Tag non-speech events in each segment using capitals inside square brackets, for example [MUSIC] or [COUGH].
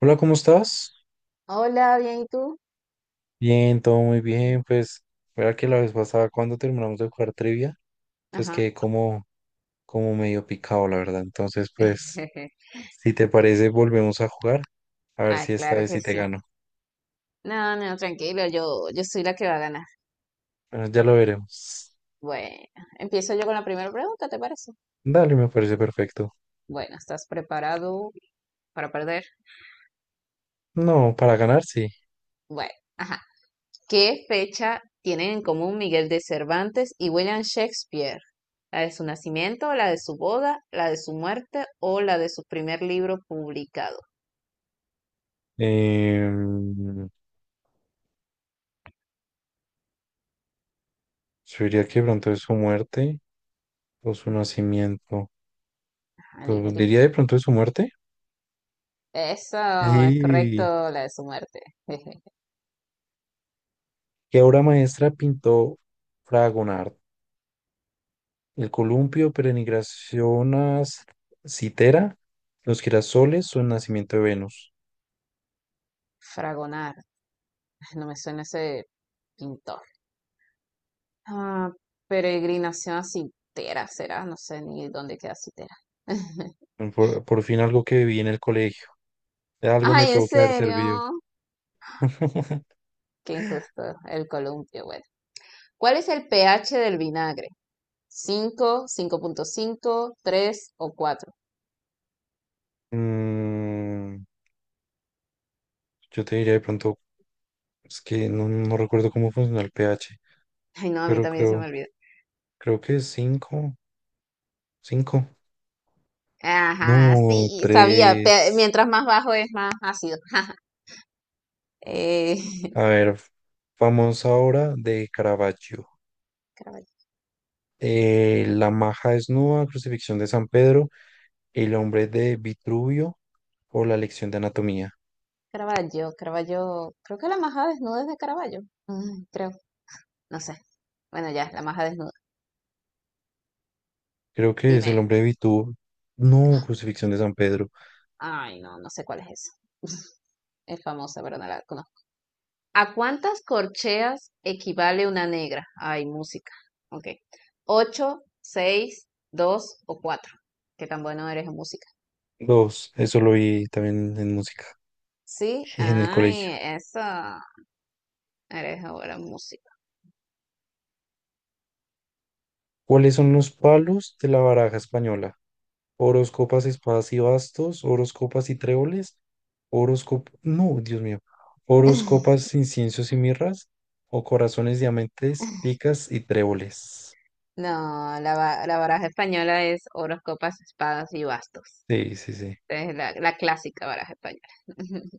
Hola, ¿cómo estás? Hola, bien, ¿y tú? Bien, todo muy bien. Pues, mira que la vez pasada cuando terminamos de jugar trivia, pues Ajá. quedé como medio picado, la verdad. Entonces, pues, [LAUGHS] si te parece, volvemos a jugar. A ver Ah, si esta claro vez que sí te sí. gano. No, no, tranquilo, yo soy la que va a ganar. Bueno, ya lo veremos. Bueno, empiezo yo con la primera pregunta, ¿te parece? Dale, me parece perfecto. Bueno, ¿estás preparado para perder? No, para ganar, sí. Bueno, ajá. ¿Qué fecha tienen en común Miguel de Cervantes y William Shakespeare? ¿La de su nacimiento, la de su boda, la de su muerte o la de su primer libro publicado? Em, yo diría que de pronto es su muerte o su nacimiento. Ajá, elige, Pues, elige. diría de pronto es su muerte. Eso es correcto, Sí. la de su muerte. [LAUGHS] ¿Qué obra maestra pintó Fragonard? El columpio, perenigracionas citera, los girasoles o el nacimiento de Venus. Fragonar, no me suena ese pintor. Ah, peregrinación a Citera será, no sé ni dónde queda Citera. [LAUGHS] Por fin algo que vi en el colegio. De algo me Ay, en tuvo que haber servido. serio, [LAUGHS] qué injusto, el columpio, bueno. ¿Cuál es el pH del vinagre? Cinco, cinco punto cinco, 3 o cuatro. Mm, yo te diría de pronto, es que no recuerdo cómo funciona el pH, Ay, no, a mí pero también se creo, me olvidó. creo que es cinco, cinco. Ajá, No, sí, sabía, tres. mientras más bajo es más ácido. [LAUGHS] Jaja. Eh, A [LAUGHS] ver, vamos ahora de Caravaggio. Caravaggio, La maja desnuda, crucifixión de San Pedro, el hombre de Vitruvio o la lección de anatomía. Caravaggio, Caravaggio, creo que la majada desnuda es de Caravaggio. Creo, no sé. Bueno, ya, la maja desnuda. Creo que es Dime, el hombre de Vitruvio. No, crucifixión de San Pedro. ay, no, no sé cuál es esa. Es famosa, pero no la conozco. ¿A cuántas corcheas equivale una negra? Ay, música. Ok. ¿Ocho, seis, dos o cuatro? Qué tan bueno eres en música. Dos, eso lo vi también en música, Sí, en el colegio. ay, eso. Eres ahora en música. ¿Cuáles son los palos de la baraja española? Oros, copas, espadas y bastos, oros, copas y tréboles, oros, no, Dios mío, oros, copas, inciensos y mirras, o corazones, diamantes, [LAUGHS] picas y tréboles. No, la, la baraja española es oros, copas, espadas y bastos. Sí, sí, sí. Es la clásica baraja española. [LAUGHS]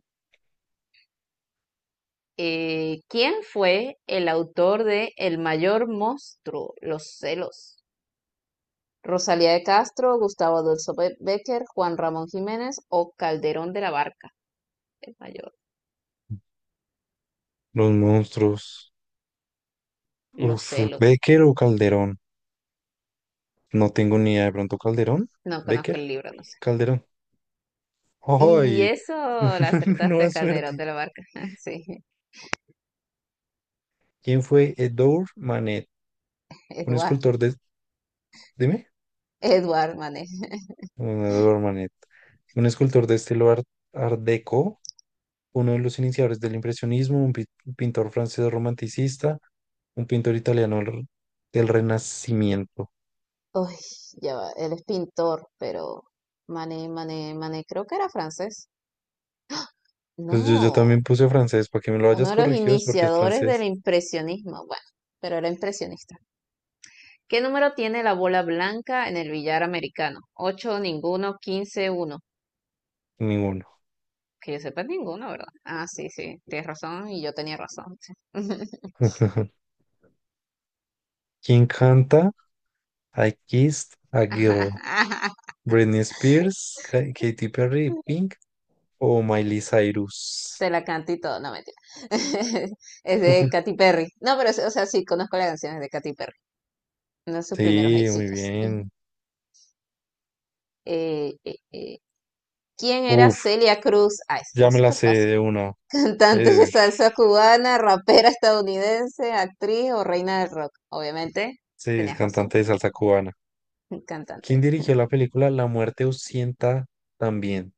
¿Quién fue el autor de El mayor monstruo, Los celos? Rosalía de Castro, Gustavo Adolfo Becker, Juan Ramón Jiménez o Calderón de la Barca, el mayor, Los monstruos. Los Uf, celos. Becker o Calderón. No tengo ni idea. De pronto Calderón, No conozco Becker, el libro, no sé. Calderón. Y ¡Ay! eso la [LAUGHS] Nueva acertaste, Calderón suerte. de la Barca. [LAUGHS] Sí, ¿Quién fue Edouard Manet? Un Eduard, escultor de... Dime. Eduard Mané. Edouard Manet. Un escultor de estilo Art Deco, uno de los iniciadores del impresionismo, un pintor francés romanticista, un pintor italiano del Renacimiento. Uy, ya va, él es pintor, pero Mané, Mané, Mané, creo que era francés. Pues yo No, también puse francés, para que me lo hayas uno de los corregido es porque es iniciadores del francés. impresionismo, bueno, pero era impresionista. ¿Qué número tiene la bola blanca en el billar americano? 8, ninguno, quince, uno. Ninguno. Que yo sepa ninguno, ¿verdad? Ah, sí, sí, tienes razón y yo tenía razón, sí. [LAUGHS] ¿Quién canta I Kissed a Girl? [LAUGHS] Britney Spears, Katy Perry, Pink o Miley Te Cyrus. la canto y todo, no mentira. [LAUGHS] Es de Katy Perry. No, pero, o sea, sí, conozco las canciones de Katy Perry, uno de sus primeros Sí, muy éxitos. [LAUGHS] bien. Eh, eh, eh, ¿quién era Uf, Celia Cruz? Ah, eso ya está me la súper sé fácil. de una. Cantante de Eh, salsa cubana, rapera estadounidense, actriz o reina del rock. Obviamente, sí, es tenías razón, cantante de salsa cubana. [LAUGHS] ¿Quién cantante. dirigió la película La muerte Usienta también?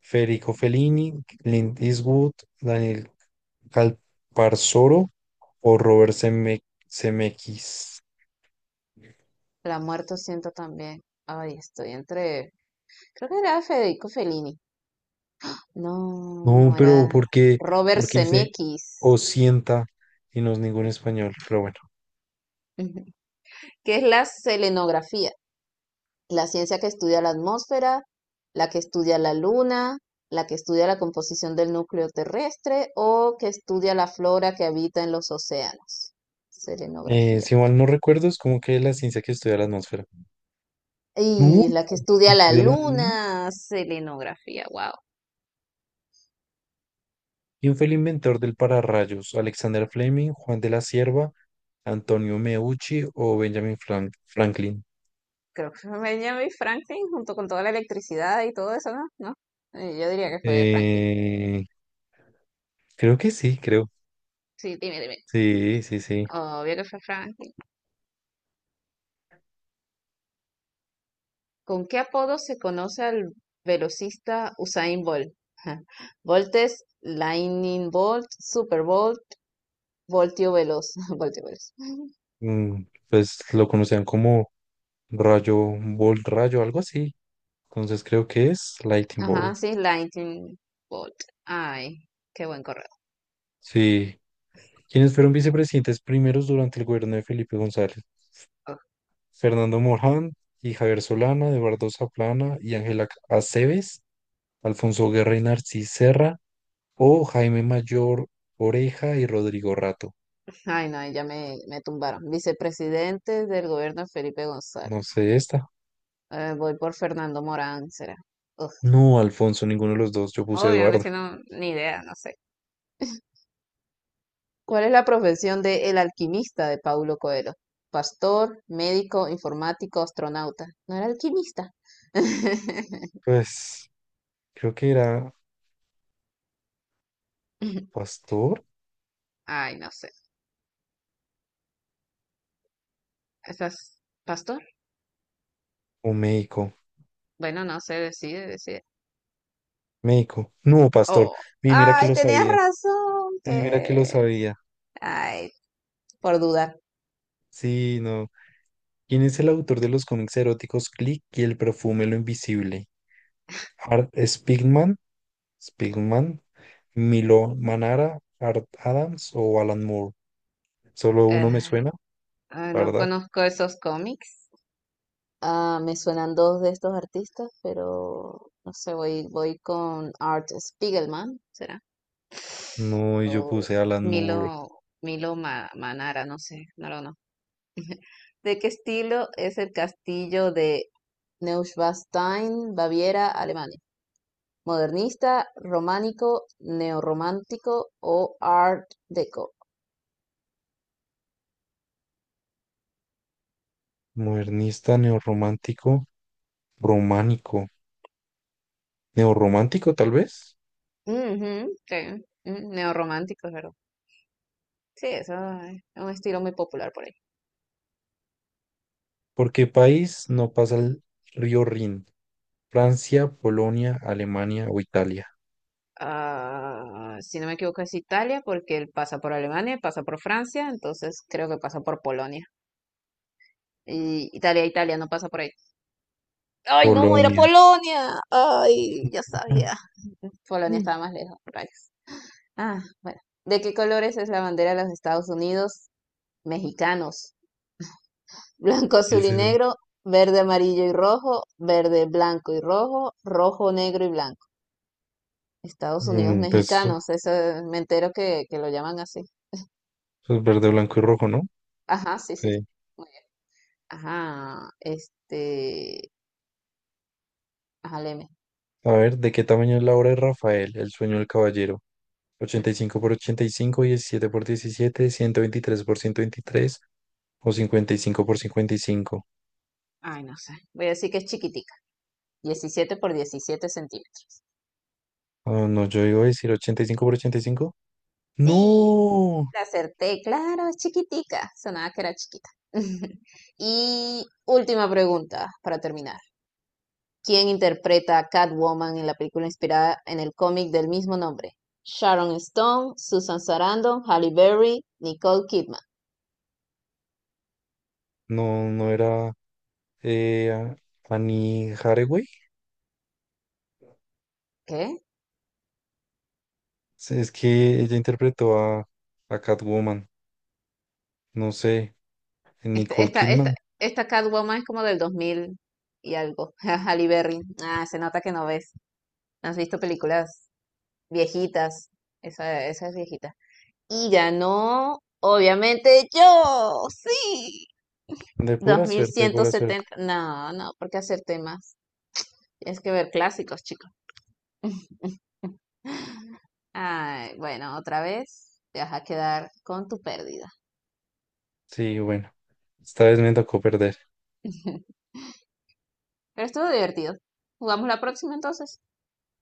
Federico Fellini, Clint Eastwood, Daniel Calparsoro o Robert Zemeckis. La muerto siento también. Ay, estoy entre... Creo que era Federico Fellini. No, No, era pero ¿por qué? Robert Porque dice Zemeckis. Osienta y no es ningún español, pero bueno. [LAUGHS] ¿Qué es la selenografía? La ciencia que estudia la atmósfera, la que estudia la luna, la que estudia la composición del núcleo terrestre o que estudia la flora que habita en los océanos. Selenografía. Si mal no recuerdo, es como que la ciencia que estudia la atmósfera. No, Y la que estudia la estudia la luna. luna, selenografía, wow. ¿Quién fue el inventor del pararrayos? ¿Alexander Fleming, Juan de la Cierva, Antonio Meucci o Benjamin Franklin? Creo que [LAUGHS] fue Benjamin Franklin junto con toda la electricidad y todo eso, ¿no? ¿No? Yo diría que fue Franklin. Eh, Creo que sí, creo. Sí, dime, dime. Sí, sí, sí. Obvio que fue Franklin. ¿Con qué apodo se conoce al velocista Usain Bolt? [LAUGHS] Bolt es Lightning Bolt, Super Bolt, Voltio Veloz, [LAUGHS] Voltio Veloz. Mm, pues lo conocían como rayo, bolt rayo, algo así. Entonces creo que es Lightning Ajá, Bolt. sí, Lightning Bolt. Ay, qué buen correo. Sí. ¿Quiénes fueron vicepresidentes primeros durante el gobierno de Felipe González? Fernando Morán y Javier Solana, Eduardo Zaplana y Ángela Aceves, Alfonso Guerra y Narcis Serra, o Jaime Mayor Oreja y Rodrigo Rato. Ay, no, ahí ya me tumbaron. Vicepresidente del gobierno Felipe No González. sé esta. Voy por Fernando Morán, será. Uf, No, Alfonso, ninguno de los dos. Yo puse obvio, no, Eduardo. es que no, ni idea, no sé. ¿Cuál es la profesión de el alquimista de Paulo Coelho? Pastor, médico, informático, astronauta. ¿No era alquimista? [LAUGHS] Pues creo que era pastor Ay, no sé. ¿Estás pastor? o médico. Bueno, no sé, decide, decide. Médico. No, pastor. Oh, Mira que ay, lo tenías sabía. razón, Mira que lo que... sabía. Ay, por dudar. Sí, no. ¿Quién es el autor de los cómics eróticos Click y el perfume Lo Invisible? Art Spigman. Spigman. Milo Manara, Art Adams o Alan Moore. Solo uno me suena, Ah, la no verdad. conozco esos cómics. Ah, me suenan dos de estos artistas, pero no sé, voy con Art Spiegelman, ¿será? No, y O yo puse Alan Milo, Moore, Milo Manara, no sé, no lo conozco. [LAUGHS] ¿De qué estilo es el castillo de Neuschwanstein, Baviera, Alemania? Modernista, románico, neorromántico o Art Deco. modernista, neorromántico, románico. Neorromántico, tal vez. Ujú, sí, neorromántico, pero sí, eso es un estilo muy popular por ahí. ¿Por qué país no pasa el río Rin? Francia, Polonia, Alemania o Italia. Ah, si no me equivoco, es Italia, porque él pasa por Alemania, pasa por Francia, entonces creo que pasa por Polonia. Y Italia, Italia, no pasa por ahí. ¡Ay, no! ¡Era Polonia. Polonia! ¡Ay, ya sabía! Polonia [LAUGHS] estaba más lejos, rayos. Ah, bueno. ¿De qué colores es la bandera de los Estados Unidos? Mexicanos. [LAUGHS] Blanco, ¿Qué azul es y eso? negro, verde, amarillo y rojo, verde, blanco y rojo, rojo, negro y blanco. Estados Unidos Mm, Pues, mexicanos, eso me entero que lo llaman así. pues verde, blanco y rojo, ¿no? Ajá, sí, sí. Sí. Ajá, ajá, léeme. A ver, ¿de qué tamaño es la obra de Rafael, El sueño del caballero? Mm, 85 por 85, 17 por 17, 123 por 123 o 55 por 55. Ay, no sé. Voy a decir que es chiquitica, 17 por 17 centímetros. Ah, no, yo iba a decir 85 por 85. Sí, No, la acerté, claro, es chiquitica. Sonaba que era chiquita. [LAUGHS] Y última pregunta para terminar. ¿Quién interpreta a Catwoman en la película inspirada en el cómic del mismo nombre? Sharon Stone, Susan Sarandon, Halle Berry, Nicole Kidman. No era eh, a- Annie Hathaway. ¿Qué? Sí, es que ella interpretó a Catwoman, no sé, Esta Nicole Esta, esta, Kidman. esta Catwoman es como del 2000 y algo. [LAUGHS] Halle Berry. Ah, se nota que no ves, no has visto películas viejitas. Esa es viejita. Y ganó, obviamente, yo. Sí. De Dos pura mil suerte, de ciento pura suerte. setenta. No, no, ¿por qué hacer temas? Tienes que ver clásicos, chicos. Ay, bueno, otra vez te vas a quedar con tu pérdida. Sí, bueno, esta vez me tocó perder. [LAUGHS] Pero estuvo divertido. ¿Jugamos la próxima entonces?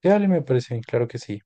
Dale, me parece, claro que sí.